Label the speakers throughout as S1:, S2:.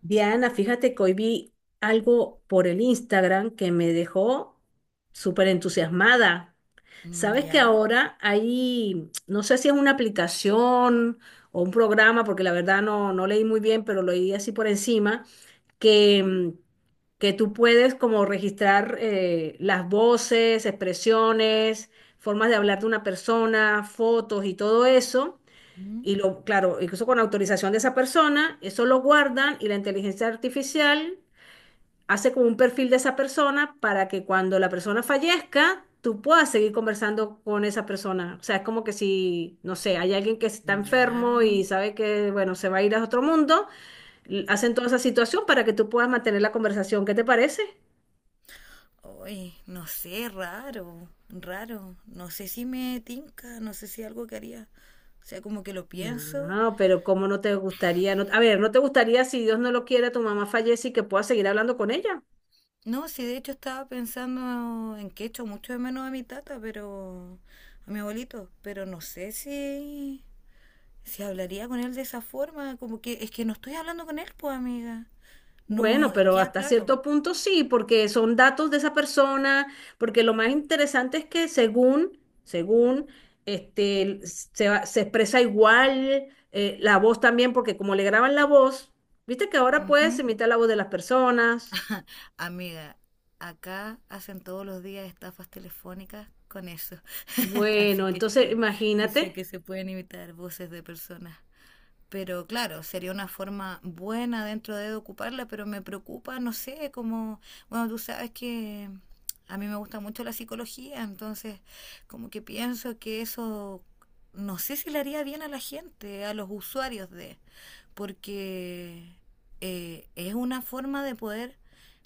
S1: Diana, fíjate que hoy vi algo por el Instagram que me dejó súper entusiasmada.
S2: Mm,
S1: Sabes que
S2: ¿ya?
S1: ahora hay, no sé si es una aplicación o un programa, porque la verdad no leí muy bien, pero lo leí así por encima, que, que tú puedes como registrar las voces, expresiones, formas de hablar de una persona, fotos y todo eso.
S2: Mm.
S1: Y lo, claro, incluso con autorización de esa persona, eso lo guardan y la inteligencia artificial hace como un perfil de esa persona para que cuando la persona fallezca, tú puedas seguir conversando con esa persona. O sea, es como que si, no sé, hay alguien que está
S2: Ya.
S1: enfermo y sabe que, bueno, se va a ir a otro mundo, hacen toda esa situación para que tú puedas mantener la conversación. ¿Qué te parece?
S2: Oye, no sé, raro, raro. No sé si me tinca, no sé si algo que haría. O sea, como que lo pienso.
S1: No, pero ¿cómo no te gustaría? A ver, ¿no te gustaría si Dios no lo quiere, tu mamá fallece y que puedas seguir hablando con ella?
S2: No, sí, de hecho estaba pensando en que echo mucho de menos a mi tata, pero a mi abuelito, pero no sé si si hablaría con él de esa forma. Como que es que no estoy hablando con él, pues, amiga.
S1: Bueno,
S2: No,
S1: pero
S2: ya,
S1: hasta
S2: claro.
S1: cierto punto sí, porque son datos de esa persona, porque lo más interesante es que según, según, este, se expresa igual la voz también, porque como le graban la voz, viste que ahora puedes
S2: Ujú.
S1: imitar la voz de las personas.
S2: Amiga, acá hacen todos los días estafas telefónicas con eso. Así
S1: Bueno,
S2: que
S1: entonces
S2: sí, dice
S1: imagínate,
S2: que se pueden imitar voces de personas. Pero claro, sería una forma buena dentro de ocuparla, pero me preocupa, no sé, como, bueno, tú sabes que a mí me gusta mucho la psicología, entonces como que pienso que eso, no sé si le haría bien a la gente, a los usuarios de, porque es una forma de poder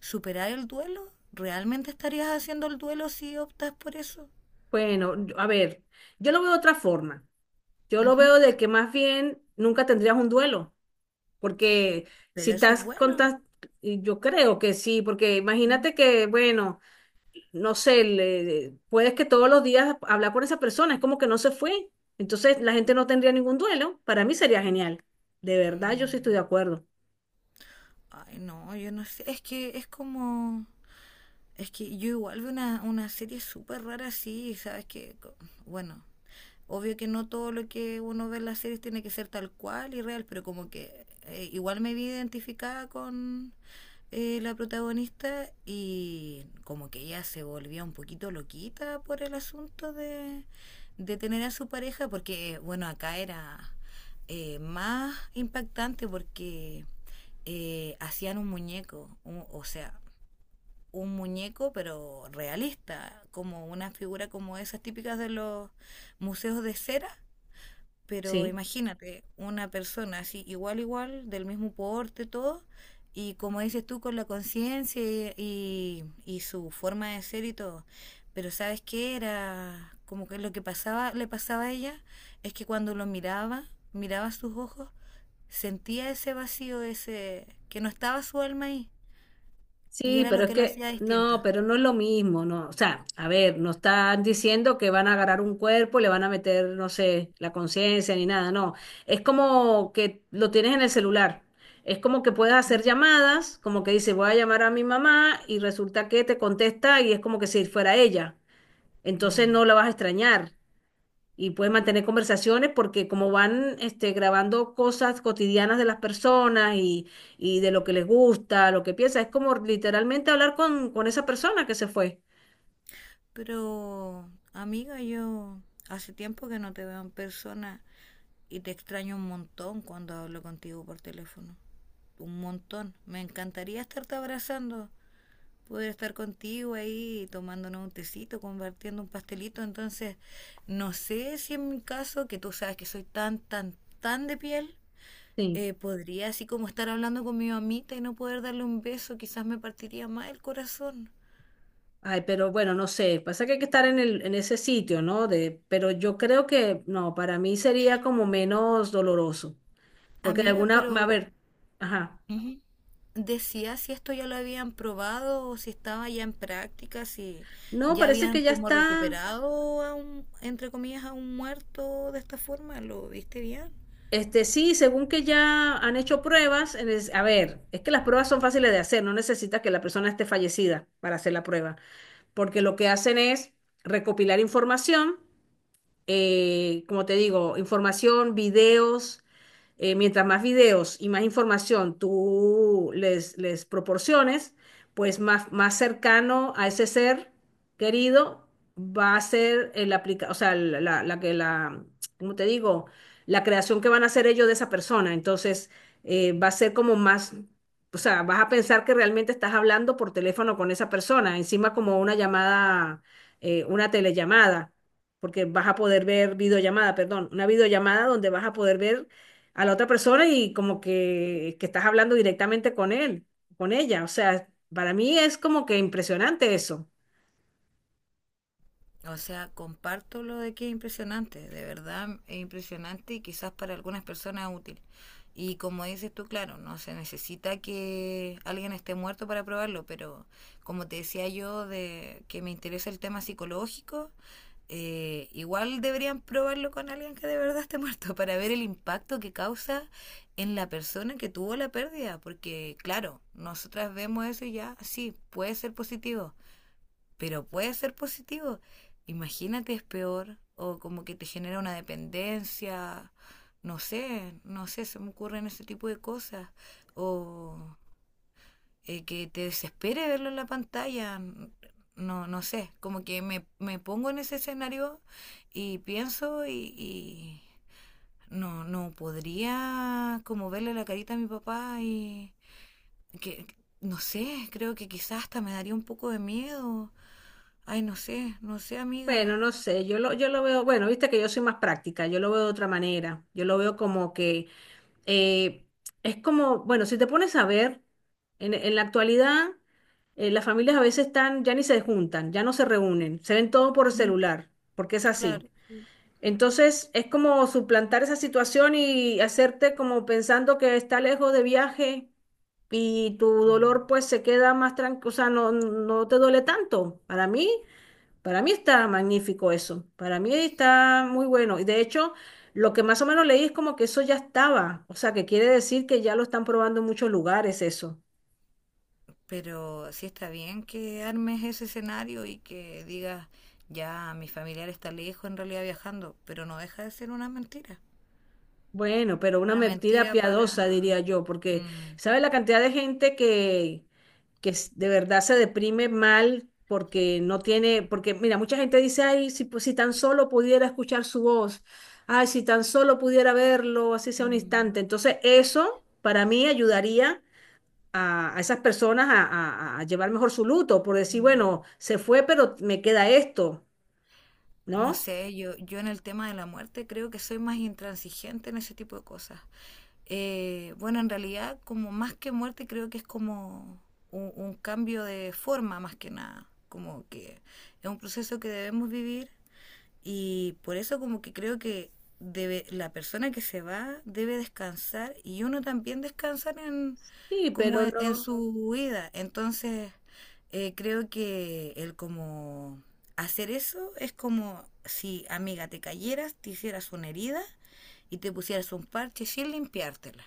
S2: superar el duelo. ¿Realmente estarías haciendo el duelo si optas por eso?
S1: bueno, a ver, yo lo veo de otra forma. Yo lo
S2: Ujú.
S1: veo de que más bien nunca tendrías un duelo. Porque si
S2: Pero eso es
S1: estás
S2: bueno.
S1: contando, yo creo que sí, porque
S2: Ujú.
S1: imagínate que, bueno, no sé, puedes que todos los días hablar con esa persona, es como que no se fue. Entonces la gente no tendría ningún duelo. Para mí sería genial. De verdad, yo sí estoy de
S2: Mm.
S1: acuerdo.
S2: Ay, no, yo no sé. Es que es como. Es que yo igual veo una serie súper rara así, ¿sabes? Bueno, Obvio que no todo lo que uno ve en las series tiene que ser tal cual y real, pero como que igual me vi identificada con la protagonista y como que ella se volvía un poquito loquita por el asunto de tener a su pareja, porque bueno, acá era más impactante porque hacían un muñeco, o sea, un muñeco, pero realista, como una figura como esas típicas de los museos de cera. Pero
S1: Sí.
S2: imagínate, una persona así, igual, igual, del mismo porte, todo, y como dices tú, con la conciencia y su forma de ser y todo. Pero ¿sabes qué era? Como que lo que pasaba, le pasaba a ella es que cuando lo miraba, miraba sus ojos, sentía ese vacío, ese que no estaba su alma ahí. Y
S1: Sí,
S2: era
S1: pero
S2: lo
S1: es
S2: que lo
S1: que
S2: hacía distinto.
S1: no, pero no es lo mismo, no. O sea, a ver, no están diciendo que van a agarrar un cuerpo, le van a meter, no sé, la conciencia ni nada, no. Es como que lo tienes en el celular. Es como que puedes hacer
S2: ¿Mm?
S1: llamadas, como que dice, voy a llamar a mi mamá y resulta que te contesta y es como que si fuera ella. Entonces
S2: Mm.
S1: no la vas a extrañar y puedes mantener conversaciones porque como van este, grabando cosas cotidianas de las personas y de lo que les gusta, lo que piensa, es como literalmente hablar con esa persona que se fue.
S2: Pero, amiga, yo hace tiempo que no te veo en persona y te extraño un montón cuando hablo contigo por teléfono. Un montón. Me encantaría estarte abrazando, poder estar contigo ahí tomándonos un tecito, compartiendo un pastelito. Entonces, no sé si en mi caso, que tú sabes que soy tan, tan, tan de piel,
S1: Sí.
S2: podría así como estar hablando con mi mamita y no poder darle un beso, quizás me partiría más el corazón.
S1: Ay, pero bueno, no sé, pasa que hay que estar en en ese sitio, ¿no? De, pero yo creo que, no, para mí sería como menos doloroso, porque de
S2: Amiga,
S1: alguna, a
S2: pero
S1: ver, ajá.
S2: Ujú. Decía si esto ya lo habían probado o si estaba ya en práctica, si
S1: No,
S2: ya
S1: parece
S2: habían
S1: que ya
S2: como
S1: está.
S2: recuperado a un, entre comillas, a un muerto de esta forma. ¿Lo viste bien?
S1: Este, sí, según que ya han hecho pruebas, a ver, es que las pruebas son fáciles de hacer, no necesitas que la persona esté fallecida para hacer la prueba, porque lo que hacen es recopilar información, como te digo, información, videos, mientras más videos y más información tú les proporciones, pues más, más cercano a ese ser querido va a ser el aplica, o sea, la que la, ¿cómo te digo? La creación que van a hacer ellos de esa persona. Entonces, va a ser como más, o sea, vas a pensar que realmente estás hablando por teléfono con esa persona, encima como una llamada, una telellamada, porque vas a poder ver videollamada, perdón, una videollamada donde vas a poder ver a la otra persona y como que estás hablando directamente con él, con ella. O sea, para mí es como que impresionante eso.
S2: O sea, comparto lo de que es impresionante, de verdad es impresionante y quizás para algunas personas es útil. Y como dices tú, claro, no se necesita que alguien esté muerto para probarlo, pero como te decía yo, de que me interesa el tema psicológico, igual deberían probarlo con alguien que de verdad esté muerto para ver el impacto que causa en la persona que tuvo la pérdida, porque claro, nosotras vemos eso y ya, sí, puede ser positivo, pero puede ser positivo. Imagínate es peor o como que te genera una dependencia, no sé, no sé, se me ocurren ese tipo de cosas o que te desespere verlo en la pantalla, no, no sé, como que me pongo en ese escenario y pienso y no, no podría como verle la carita a mi papá y que, no sé, creo que quizás hasta me daría un poco de miedo. Ay, no sé, no sé, amiga.
S1: Bueno, no sé, yo lo veo, bueno, viste que yo soy más práctica, yo lo veo de otra manera, yo lo veo como que eh, es como, bueno, si te pones a ver, en la actualidad las familias a veces están, ya ni se juntan, ya no se reúnen, se ven todo por
S2: Mm.
S1: celular, porque es así.
S2: Claro. Sí.
S1: Entonces es como suplantar esa situación y hacerte como pensando que está lejos de viaje y tu
S2: Mm.
S1: dolor pues se queda más tranquilo, o sea, no te duele tanto. Para mí está magnífico eso, para mí está muy bueno. Y de hecho, lo que más o menos leí es como que eso ya estaba, o sea, que quiere decir que ya lo están probando en muchos lugares eso.
S2: Pero sí está bien que armes ese escenario y que digas, ya, mi familiar está lejos en realidad viajando, pero no deja de ser una mentira.
S1: Bueno, pero una
S2: Una
S1: mentira
S2: mentira para...
S1: piadosa, diría yo, porque
S2: Mm.
S1: ¿sabes la cantidad de gente que de verdad se deprime mal porque no tiene, porque mira, mucha gente dice, ay, si, pues, si tan solo pudiera escuchar su voz, ay, si tan solo pudiera verlo, así sea un
S2: Mm.
S1: instante. Entonces, eso para mí ayudaría a esas personas a, a llevar mejor su luto, por decir, bueno,
S2: Mm.
S1: se fue, pero me queda esto,
S2: No
S1: ¿no?
S2: sé, yo en el tema de la muerte creo que soy más intransigente en ese tipo de cosas. Bueno, en realidad, como más que muerte, creo que es como un cambio de forma más que nada. Como que es un proceso que debemos vivir y por eso como que creo que debe, la persona que se va debe descansar y uno también descansar en,
S1: Sí,
S2: como
S1: pero
S2: en
S1: no.
S2: su vida. Entonces, creo que el como hacer eso es como si, amiga, te cayeras, te hicieras una herida y te pusieras un parche sin limpiártela.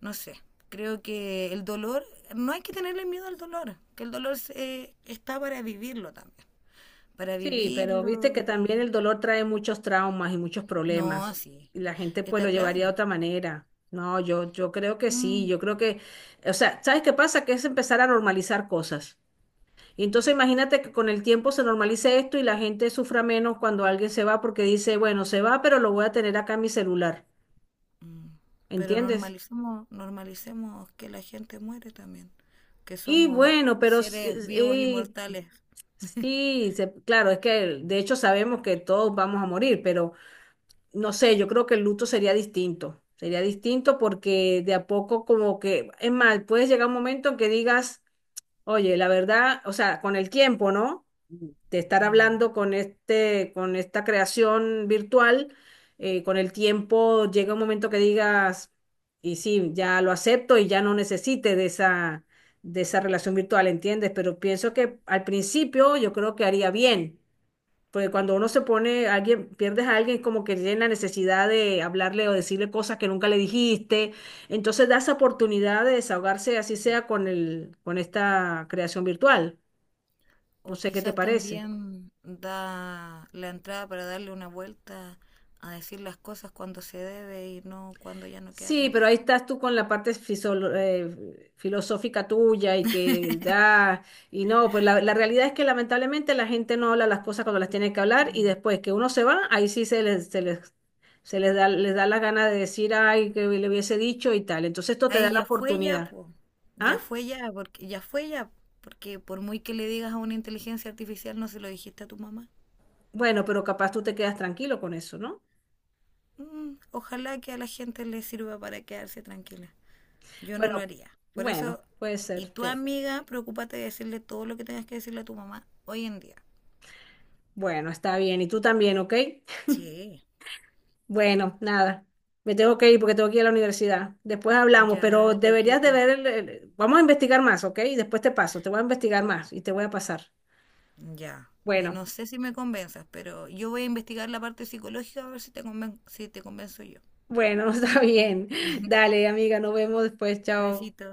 S2: No sé, creo que el dolor, no hay que tenerle miedo al dolor, que está para vivirlo también, para
S1: Sí, pero viste que
S2: vivirlo
S1: también el dolor trae muchos traumas y muchos
S2: no,
S1: problemas.
S2: sí,
S1: Y la gente pues lo
S2: está
S1: llevaría de
S2: claro.
S1: otra manera. No, yo creo que sí,
S2: Mm.
S1: yo creo que, o sea, ¿sabes qué pasa? Que es empezar a normalizar cosas. Y entonces imagínate que con el tiempo se normalice esto y la gente sufra menos cuando alguien se va porque dice, bueno, se va, pero lo voy a tener acá en mi celular.
S2: Mm. Pero
S1: ¿Entiendes?
S2: normalicemos, normalicemos que la gente muere también, que
S1: Y
S2: somos
S1: bueno,
S2: seres vivos y
S1: eh,
S2: mortales.
S1: sí, se- claro, es que de hecho sabemos que todos vamos a morir, pero no sé, yo creo que el luto sería distinto. Sería distinto porque de a poco como que, es más, puedes llegar a un momento en que digas, oye, la verdad, o sea, con el tiempo, ¿no? De estar
S2: Mm.
S1: hablando con este, con esta creación virtual, con el tiempo llega un momento que digas, y sí, ya lo acepto y ya no necesite de esa relación virtual, ¿entiendes? Pero pienso que al principio yo creo que haría bien porque cuando uno se pone, alguien, pierdes a alguien, como que tiene la necesidad de hablarle o decirle cosas que nunca le dijiste. Entonces da esa oportunidad de desahogarse, así sea con el, con esta creación virtual.
S2: O
S1: No sé qué te
S2: quizás
S1: parece.
S2: también da la entrada para darle una vuelta a decir las cosas cuando se debe y no cuando ya no queda
S1: Sí, pero
S2: tiempo.
S1: ahí estás tú con la parte filosófica tuya y que da, y no, pues la realidad es que lamentablemente la gente no habla las cosas cuando las tiene que hablar y
S2: Mm.
S1: después que uno se va, ahí sí se les da la gana de decir, ay, que le hubiese dicho y tal. Entonces esto te da
S2: Ahí
S1: la
S2: ya fue ya,
S1: oportunidad.
S2: po. Ya
S1: ¿Ah?
S2: fue ya, porque ya fue ya, porque por muy que le digas a una inteligencia artificial no se lo dijiste a tu mamá.
S1: Bueno, pero capaz tú te quedas tranquilo con eso, ¿no?
S2: Mm, ojalá que a la gente le sirva para quedarse tranquila. Yo no lo
S1: Pero
S2: haría. Por
S1: bueno,
S2: eso,
S1: puede
S2: y
S1: ser,
S2: tu
S1: sí.
S2: amiga, preocúpate de decirle todo lo que tengas que decirle a tu mamá hoy en día.
S1: Bueno, está bien. Y tú también, ¿ok?
S2: Sí,
S1: Bueno, nada. Me tengo que ir porque tengo que ir a la universidad. Después hablamos,
S2: ya
S1: pero
S2: lo
S1: deberías de
S2: quitas.
S1: ver Vamos a investigar más, ¿ok? Y después te paso, te voy a investigar más y te voy a pasar.
S2: Ya.
S1: Bueno,
S2: No sé si me convenzas, pero yo voy a investigar la parte psicológica a ver si si te convenzo yo.
S1: bueno, está bien. Dale, amiga, nos vemos después. Chao.
S2: Besito.